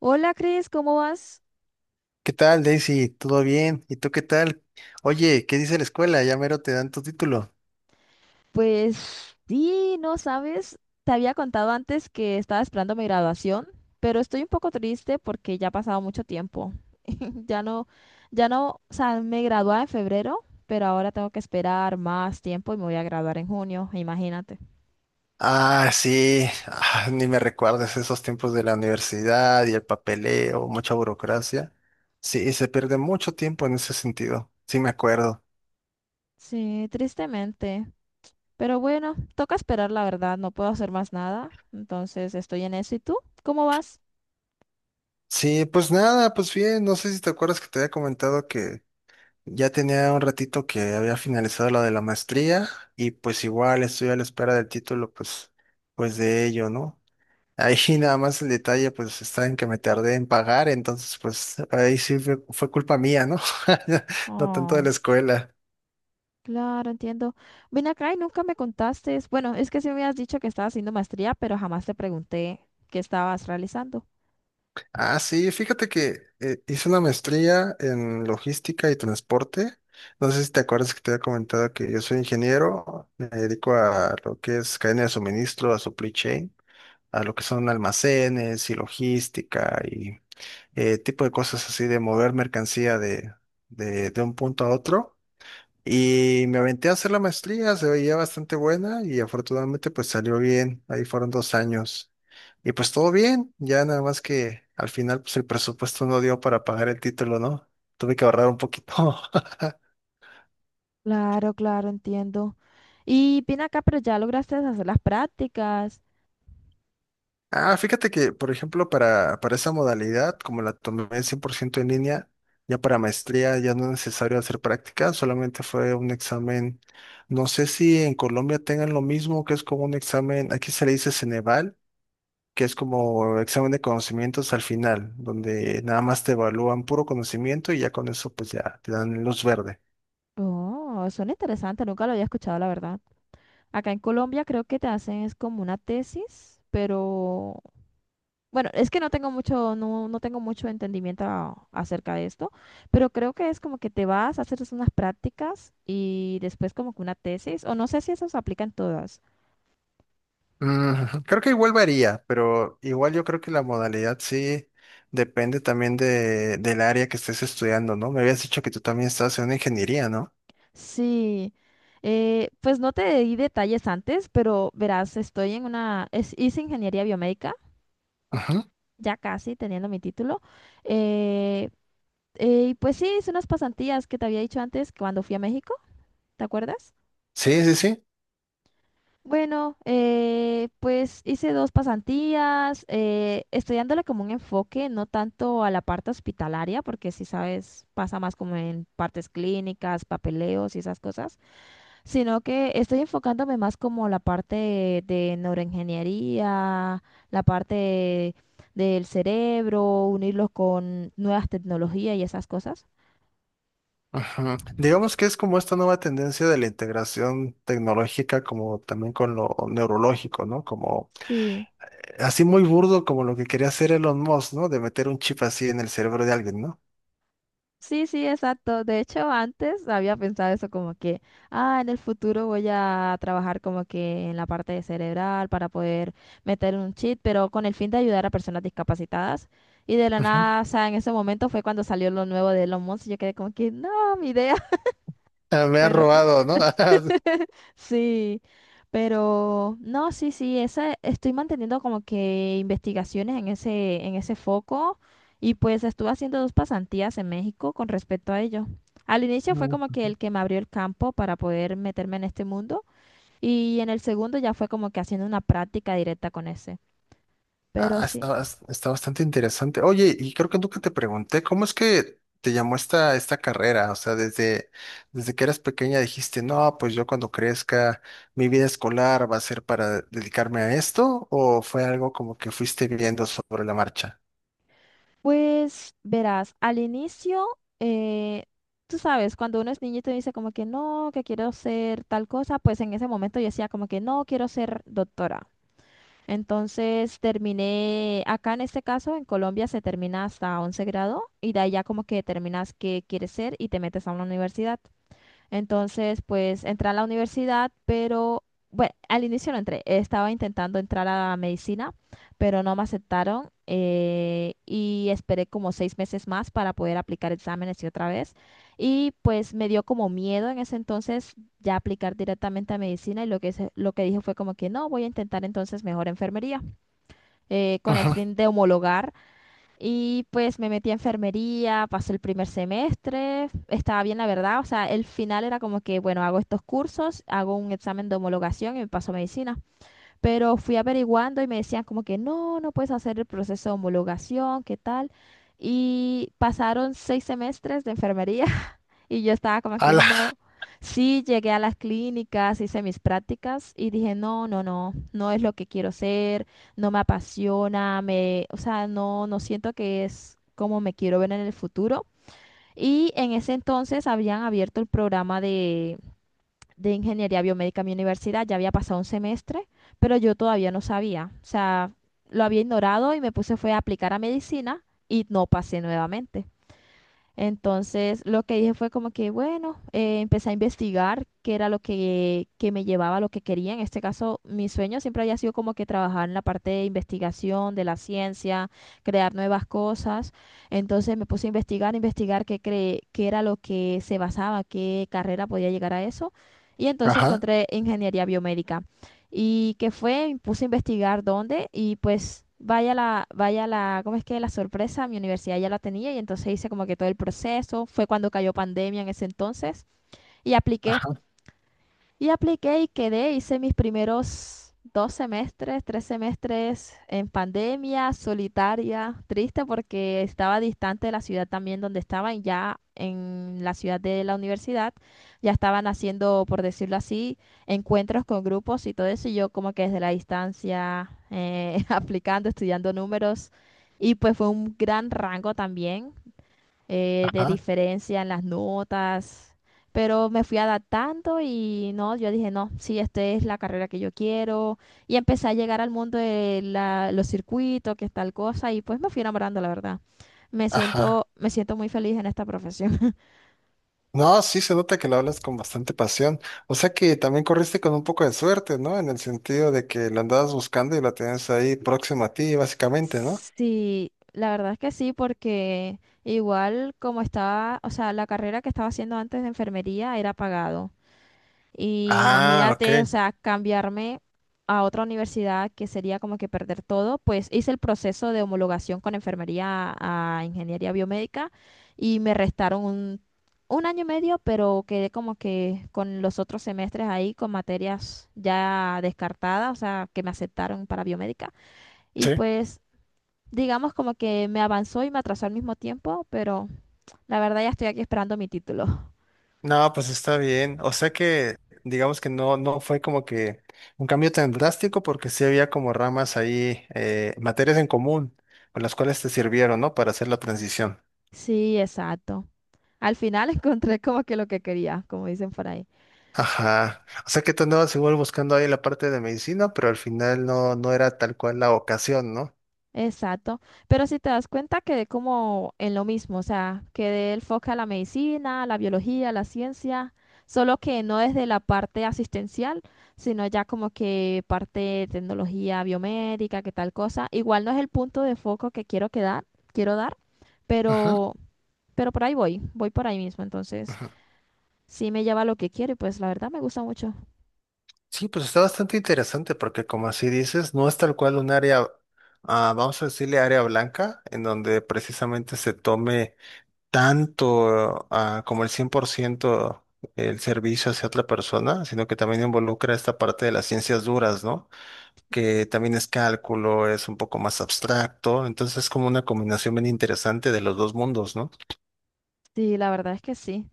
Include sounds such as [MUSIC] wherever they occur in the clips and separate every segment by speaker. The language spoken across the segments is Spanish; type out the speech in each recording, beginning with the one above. Speaker 1: Hola, Cris, ¿cómo vas?
Speaker 2: ¿Qué tal, Daisy? ¿Todo bien? ¿Y tú qué tal? Oye, ¿qué dice la escuela? Ya mero te dan tu título.
Speaker 1: Pues sí, no sabes, te había contado antes que estaba esperando mi graduación, pero estoy un poco triste porque ya ha pasado mucho tiempo. [LAUGHS] Ya no, ya no, o sea, me gradué en febrero, pero ahora tengo que esperar más tiempo y me voy a graduar en junio, imagínate.
Speaker 2: Ah, sí, ni me recuerdas esos tiempos de la universidad y el papeleo, mucha burocracia. Sí, se pierde mucho tiempo en ese sentido. Sí, me acuerdo.
Speaker 1: Sí, tristemente, pero bueno, toca esperar, la verdad, no puedo hacer más nada, entonces estoy en eso. ¿Y tú? ¿Cómo vas?
Speaker 2: Sí, pues nada, pues bien, no sé si te acuerdas que te había comentado que ya tenía un ratito que había finalizado la de la maestría y pues igual estoy a la espera del título, pues de ello, ¿no? Ahí [LAUGHS] nada más el detalle, pues está en que me tardé en pagar, entonces pues ahí sí fue culpa mía, ¿no? [LAUGHS] No tanto de la escuela.
Speaker 1: Claro, entiendo. Ven acá y nunca me contaste. Bueno, es que sí me habías dicho que estabas haciendo maestría, pero jamás te pregunté qué estabas realizando.
Speaker 2: Ah, sí, fíjate que hice una maestría en logística y transporte. No sé si te acuerdas que te había comentado que yo soy ingeniero, me dedico a lo que es cadena de suministro, a supply chain, a lo que son almacenes y logística y tipo de cosas así de mover mercancía de un punto a otro. Y me aventé a hacer la maestría, se veía bastante buena y afortunadamente pues salió bien, ahí fueron 2 años. Y pues todo bien, ya nada más que al final pues el presupuesto no dio para pagar el título, ¿no? Tuve que ahorrar un poquito. [LAUGHS]
Speaker 1: Claro, claro, entiendo. Y ven acá, pero ya lograste hacer las prácticas.
Speaker 2: Ah, fíjate que, por ejemplo, para esa modalidad, como la tomé 100% en línea, ya para maestría ya no es necesario hacer práctica, solamente fue un examen, no sé si en Colombia tengan lo mismo, que es como un examen, aquí se le dice Ceneval, que es como examen de conocimientos al final, donde nada más te evalúan puro conocimiento y ya con eso pues ya te dan luz verde.
Speaker 1: Oh, son interesantes, nunca lo había escuchado, la verdad. Acá en Colombia creo que te hacen es como una tesis, pero bueno, es que no tengo mucho, no, no tengo mucho entendimiento acerca de esto, pero creo que es como que te vas a hacer unas prácticas y después como que una tesis, o no sé si eso se aplica en todas.
Speaker 2: Creo que igual varía, pero igual yo creo que la modalidad sí depende también de, del área que estés estudiando, ¿no? Me habías dicho que tú también estás en una ingeniería, ¿no?
Speaker 1: Sí, pues no te di detalles antes, pero verás, estoy en una, es, hice ingeniería biomédica,
Speaker 2: Ujú.
Speaker 1: ya casi teniendo mi título, eh, y pues sí, hice unas pasantías que te había dicho antes cuando fui a México, ¿te acuerdas?
Speaker 2: Sí, sí, sí.
Speaker 1: Bueno, pues hice dos pasantías, estudiándole como un enfoque, no tanto a la parte hospitalaria, porque si sabes, pasa más como en partes clínicas, papeleos y esas cosas, sino que estoy enfocándome más como la parte de neuroingeniería, la parte del cerebro, unirlo con nuevas tecnologías y esas cosas.
Speaker 2: Ujú. Digamos que es como esta nueva tendencia de la integración tecnológica, como también con lo neurológico, ¿no? Como
Speaker 1: Sí.
Speaker 2: Así muy burdo como lo que quería hacer Elon Musk, ¿no? De meter un chip así en el cerebro de alguien, ¿no?
Speaker 1: Sí, sí, exacto. De hecho, antes había pensado eso como que, ah, en el futuro voy a trabajar como que en la parte de cerebral para poder meter un chip, pero con el fin de ayudar a personas discapacitadas. Y de la
Speaker 2: Ujú.
Speaker 1: nada, o sea, en ese momento fue cuando salió lo nuevo de Elon Musk y yo quedé como que, no, mi idea, [LAUGHS]
Speaker 2: Ah, me ha
Speaker 1: pero...
Speaker 2: robado, ¿no? [LAUGHS]
Speaker 1: [LAUGHS] Sí, pero no, sí, sí, esa, estoy manteniendo como que investigaciones en ese foco y pues estuve haciendo dos pasantías en México con respecto a ello. Al inicio fue
Speaker 2: Mm,
Speaker 1: como que
Speaker 2: ujú.
Speaker 1: el que me abrió el campo para poder meterme en este mundo y en el segundo ya fue como que haciendo una práctica directa con ese. Pero
Speaker 2: Ah,
Speaker 1: sí.
Speaker 2: está bastante interesante. Oye, y creo que nunca te pregunté, ¿cómo es que te llamó esta carrera? O sea, desde que eras pequeña dijiste, no, pues yo cuando crezca, mi vida escolar va a ser para dedicarme a esto, ¿o fue algo como que fuiste viendo sobre la marcha?
Speaker 1: Pues verás, al inicio, eh, tú sabes, cuando uno es niño y te dice como que no, que quiero ser tal cosa, pues en ese momento yo decía como que no, quiero ser doctora. Entonces terminé, acá en este caso, en Colombia se termina hasta 11 grado y de ahí ya como que determinas qué quieres ser y te metes a una universidad. Entonces, pues entré a la universidad, pero bueno, al inicio no entré. Estaba intentando entrar a medicina, pero no me aceptaron y esperé como seis meses más para poder aplicar exámenes y otra vez. Y pues me dio como miedo en ese entonces ya aplicar directamente a medicina y lo que, lo que dije fue como que no, voy a intentar entonces mejor enfermería con el
Speaker 2: Ajá.
Speaker 1: fin de homologar. Y pues me metí a enfermería, pasé el primer semestre, estaba bien la verdad, o sea, el final era como que, bueno, hago estos cursos, hago un examen de homologación y me paso a medicina. Pero fui averiguando y me decían como que no, no puedes hacer el proceso de homologación, ¿qué tal? Y pasaron seis semestres de enfermería y yo estaba como que
Speaker 2: Ala.
Speaker 1: no. Sí, llegué a las clínicas, hice mis prácticas y dije, no, no, no, no es lo que quiero ser, no me apasiona, me, o sea, no, no siento que es como me quiero ver en el futuro. Y en ese entonces habían abierto el programa de ingeniería biomédica en mi universidad, ya había pasado un semestre, pero yo todavía no sabía, o sea, lo había ignorado y me puse fue a aplicar a medicina y no pasé nuevamente. Entonces, lo que dije fue como que, bueno, empecé a investigar qué era lo que me llevaba a lo que quería. En este caso, mi sueño siempre había sido como que trabajar en la parte de investigación, de la ciencia, crear nuevas cosas. Entonces, me puse a investigar, investigar qué, qué era lo que se basaba, qué carrera podía llegar a eso. Y entonces
Speaker 2: Ajá,
Speaker 1: encontré ingeniería biomédica y que fue, me puse a investigar dónde y pues vaya la, ¿cómo es que la sorpresa? Mi universidad ya la tenía y entonces hice como que todo el proceso, fue cuando cayó pandemia en ese entonces y apliqué.
Speaker 2: ajá,
Speaker 1: Y apliqué y quedé, hice mis primeros dos semestres, tres semestres en pandemia, solitaria, triste porque estaba distante de la ciudad también donde estaba y ya en la ciudad de la universidad ya estaban haciendo, por decirlo así, encuentros con grupos y todo eso y yo como que desde la distancia [LAUGHS] aplicando, estudiando números y pues fue un gran rango también de
Speaker 2: ajá,
Speaker 1: diferencia en las notas, pero me fui adaptando y no, yo dije, no, sí, esta es la carrera que yo quiero y empecé a llegar al mundo de los circuitos, que es tal cosa y pues me fui enamorando, la verdad.
Speaker 2: ajá.
Speaker 1: Me siento muy feliz en esta profesión.
Speaker 2: No, sí se nota que lo hablas con bastante pasión. O sea que también corriste con un poco de suerte, ¿no? En el sentido de que la andabas buscando y la tenías ahí próxima a ti,
Speaker 1: [LAUGHS]
Speaker 2: básicamente, ¿no?
Speaker 1: Sí, la verdad es que sí, porque igual como estaba, o sea, la carrera que estaba haciendo antes de enfermería era pagado. Y
Speaker 2: Ah, ok.
Speaker 1: imagínate, o sea, cambiarme a otra universidad que sería como que perder todo, pues hice el proceso de homologación con enfermería a ingeniería biomédica y me restaron un año y medio, pero quedé como que con los otros semestres ahí con materias ya descartadas, o sea, que me aceptaron para biomédica. Y
Speaker 2: Sí.
Speaker 1: pues digamos como que me avanzó y me atrasó al mismo tiempo, pero la verdad ya estoy aquí esperando mi título. [LAUGHS]
Speaker 2: No, pues está bien. O sea que digamos que no, no fue como que un cambio tan drástico porque sí había como ramas ahí, materias en común con las cuales te sirvieron, ¿no? Para hacer la transición.
Speaker 1: Sí, exacto. Al final [LAUGHS] encontré como que lo que quería, como dicen por ahí.
Speaker 2: Ajá. O sea que tú andabas igual buscando ahí la parte de medicina, pero al final no, no era tal cual la ocasión, ¿no?
Speaker 1: Exacto. Pero si te das cuenta, quedé como en lo mismo, o sea, quedé el foco a la medicina, a la biología, a la ciencia, solo que no desde la parte asistencial, sino ya como que parte de tecnología biomédica, que tal cosa. Igual no es el punto de foco que quiero quedar, quiero dar,
Speaker 2: Ajá.
Speaker 1: pero, pero por ahí voy, voy por ahí mismo. Entonces,
Speaker 2: Ujú.
Speaker 1: sí me lleva a lo que quiero y pues la verdad me gusta mucho.
Speaker 2: Sí, pues está bastante interesante porque como así dices, no es tal cual un área, vamos a decirle área blanca, en donde precisamente se tome tanto como el 100% el servicio hacia otra persona, sino que también involucra esta parte de las ciencias duras, ¿no? Que también es cálculo, es un poco más abstracto, entonces es como una combinación bien interesante de los dos mundos, ¿no?
Speaker 1: Sí, la verdad es que sí.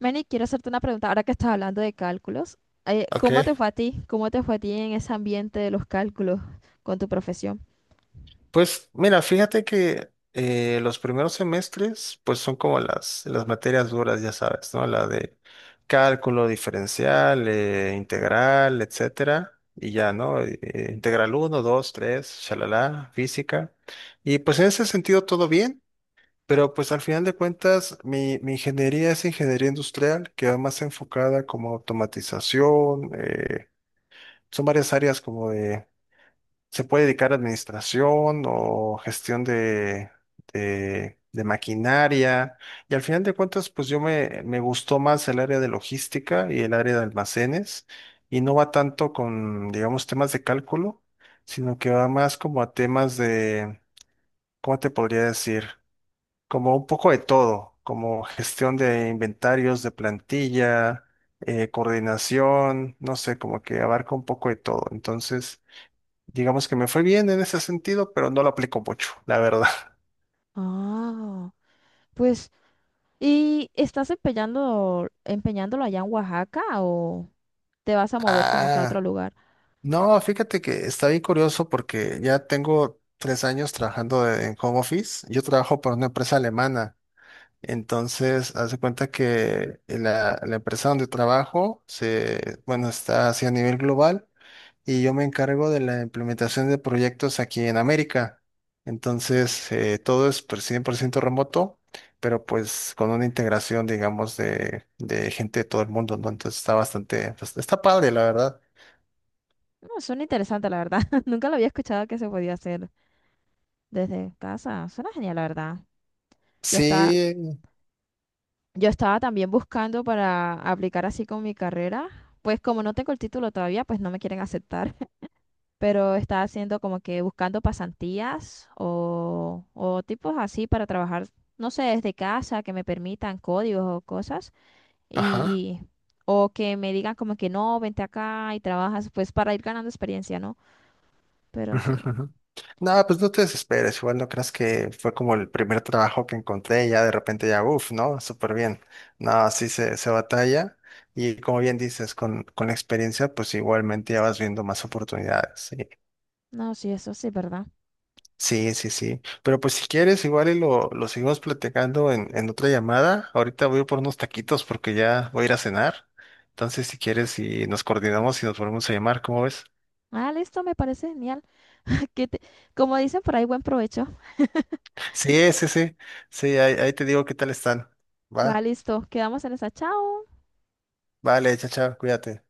Speaker 1: Manny, quiero hacerte una pregunta ahora que estás hablando de cálculos. ¿Cómo te
Speaker 2: Ok.
Speaker 1: fue a ti? ¿Cómo te fue a ti en ese ambiente de los cálculos con tu profesión?
Speaker 2: Pues mira, fíjate que los primeros semestres pues son como las materias duras, ya sabes, ¿no? La de cálculo diferencial, integral, etcétera, y ya, ¿no? Integral uno, 2, 3, shalala, física. Y pues en ese sentido todo bien, pero pues al final de cuentas mi ingeniería es ingeniería industrial, que va más enfocada como automatización, son varias áreas como de se puede dedicar a administración o gestión de maquinaria. Y al final de cuentas, pues yo me gustó más el área de logística y el área de almacenes. Y no va tanto con, digamos, temas de cálculo, sino que va más como a temas de, ¿cómo te podría decir? Como un poco de todo, como gestión de inventarios, de plantilla, coordinación, no sé, como que abarca un poco de todo. Entonces, digamos que me fue bien en ese sentido, pero no lo aplico mucho, la verdad. [LAUGHS]
Speaker 1: Ah, pues, ¿y estás empeñando, empeñándolo allá en Oaxaca o te vas a mover como que a otro
Speaker 2: Ah,
Speaker 1: lugar?
Speaker 2: no, fíjate que está bien curioso porque ya tengo 3 años trabajando en home office. Yo trabajo para una empresa alemana. Entonces, hace cuenta que la empresa donde trabajo se, bueno, está así a nivel global y yo me encargo de la implementación de proyectos aquí en América. Entonces, todo es pues, 100% remoto, pero pues con una integración, digamos, de gente de todo el mundo, ¿no? Entonces está bastante, pues, está padre, la verdad.
Speaker 1: No, suena interesante, la verdad. [LAUGHS] Nunca lo había escuchado que se podía hacer desde casa. Suena genial, la verdad. Yo estaba,
Speaker 2: Sí,
Speaker 1: yo estaba también buscando para aplicar así con mi carrera. Pues como no tengo el título todavía, pues no me quieren aceptar. [LAUGHS] Pero estaba haciendo como que buscando pasantías o tipos así para trabajar, no sé, desde casa, que me permitan códigos o cosas.
Speaker 2: ajá.
Speaker 1: Y, y- o que me digan como que no, vente acá y trabajas, pues para ir ganando experiencia, ¿no? Pero
Speaker 2: Ujú,
Speaker 1: sí,
Speaker 2: ujú. No, pues no te desesperes, igual no creas que fue como el primer trabajo que encontré y ya de repente ya, uff, ¿no? Súper bien. No, sí se batalla y como bien dices, con la experiencia, pues igualmente ya vas viendo más oportunidades.
Speaker 1: no, sí, eso sí, ¿verdad?
Speaker 2: Sí, sí, sí. Sí. Pero pues si quieres, igual y lo seguimos platicando en otra llamada. Ahorita voy por unos taquitos porque ya voy a ir a cenar. Entonces, si quieres, y nos coordinamos y nos volvemos a llamar, ¿cómo ves?
Speaker 1: Ah, listo, me parece genial. [LAUGHS] Que te- como dicen por ahí, buen provecho.
Speaker 2: Sí, sí, sí. Sí, ahí te digo qué tal están.
Speaker 1: Va,
Speaker 2: Va.
Speaker 1: listo, quedamos en esa. Chao.
Speaker 2: Vale, chao, chao, cuídate.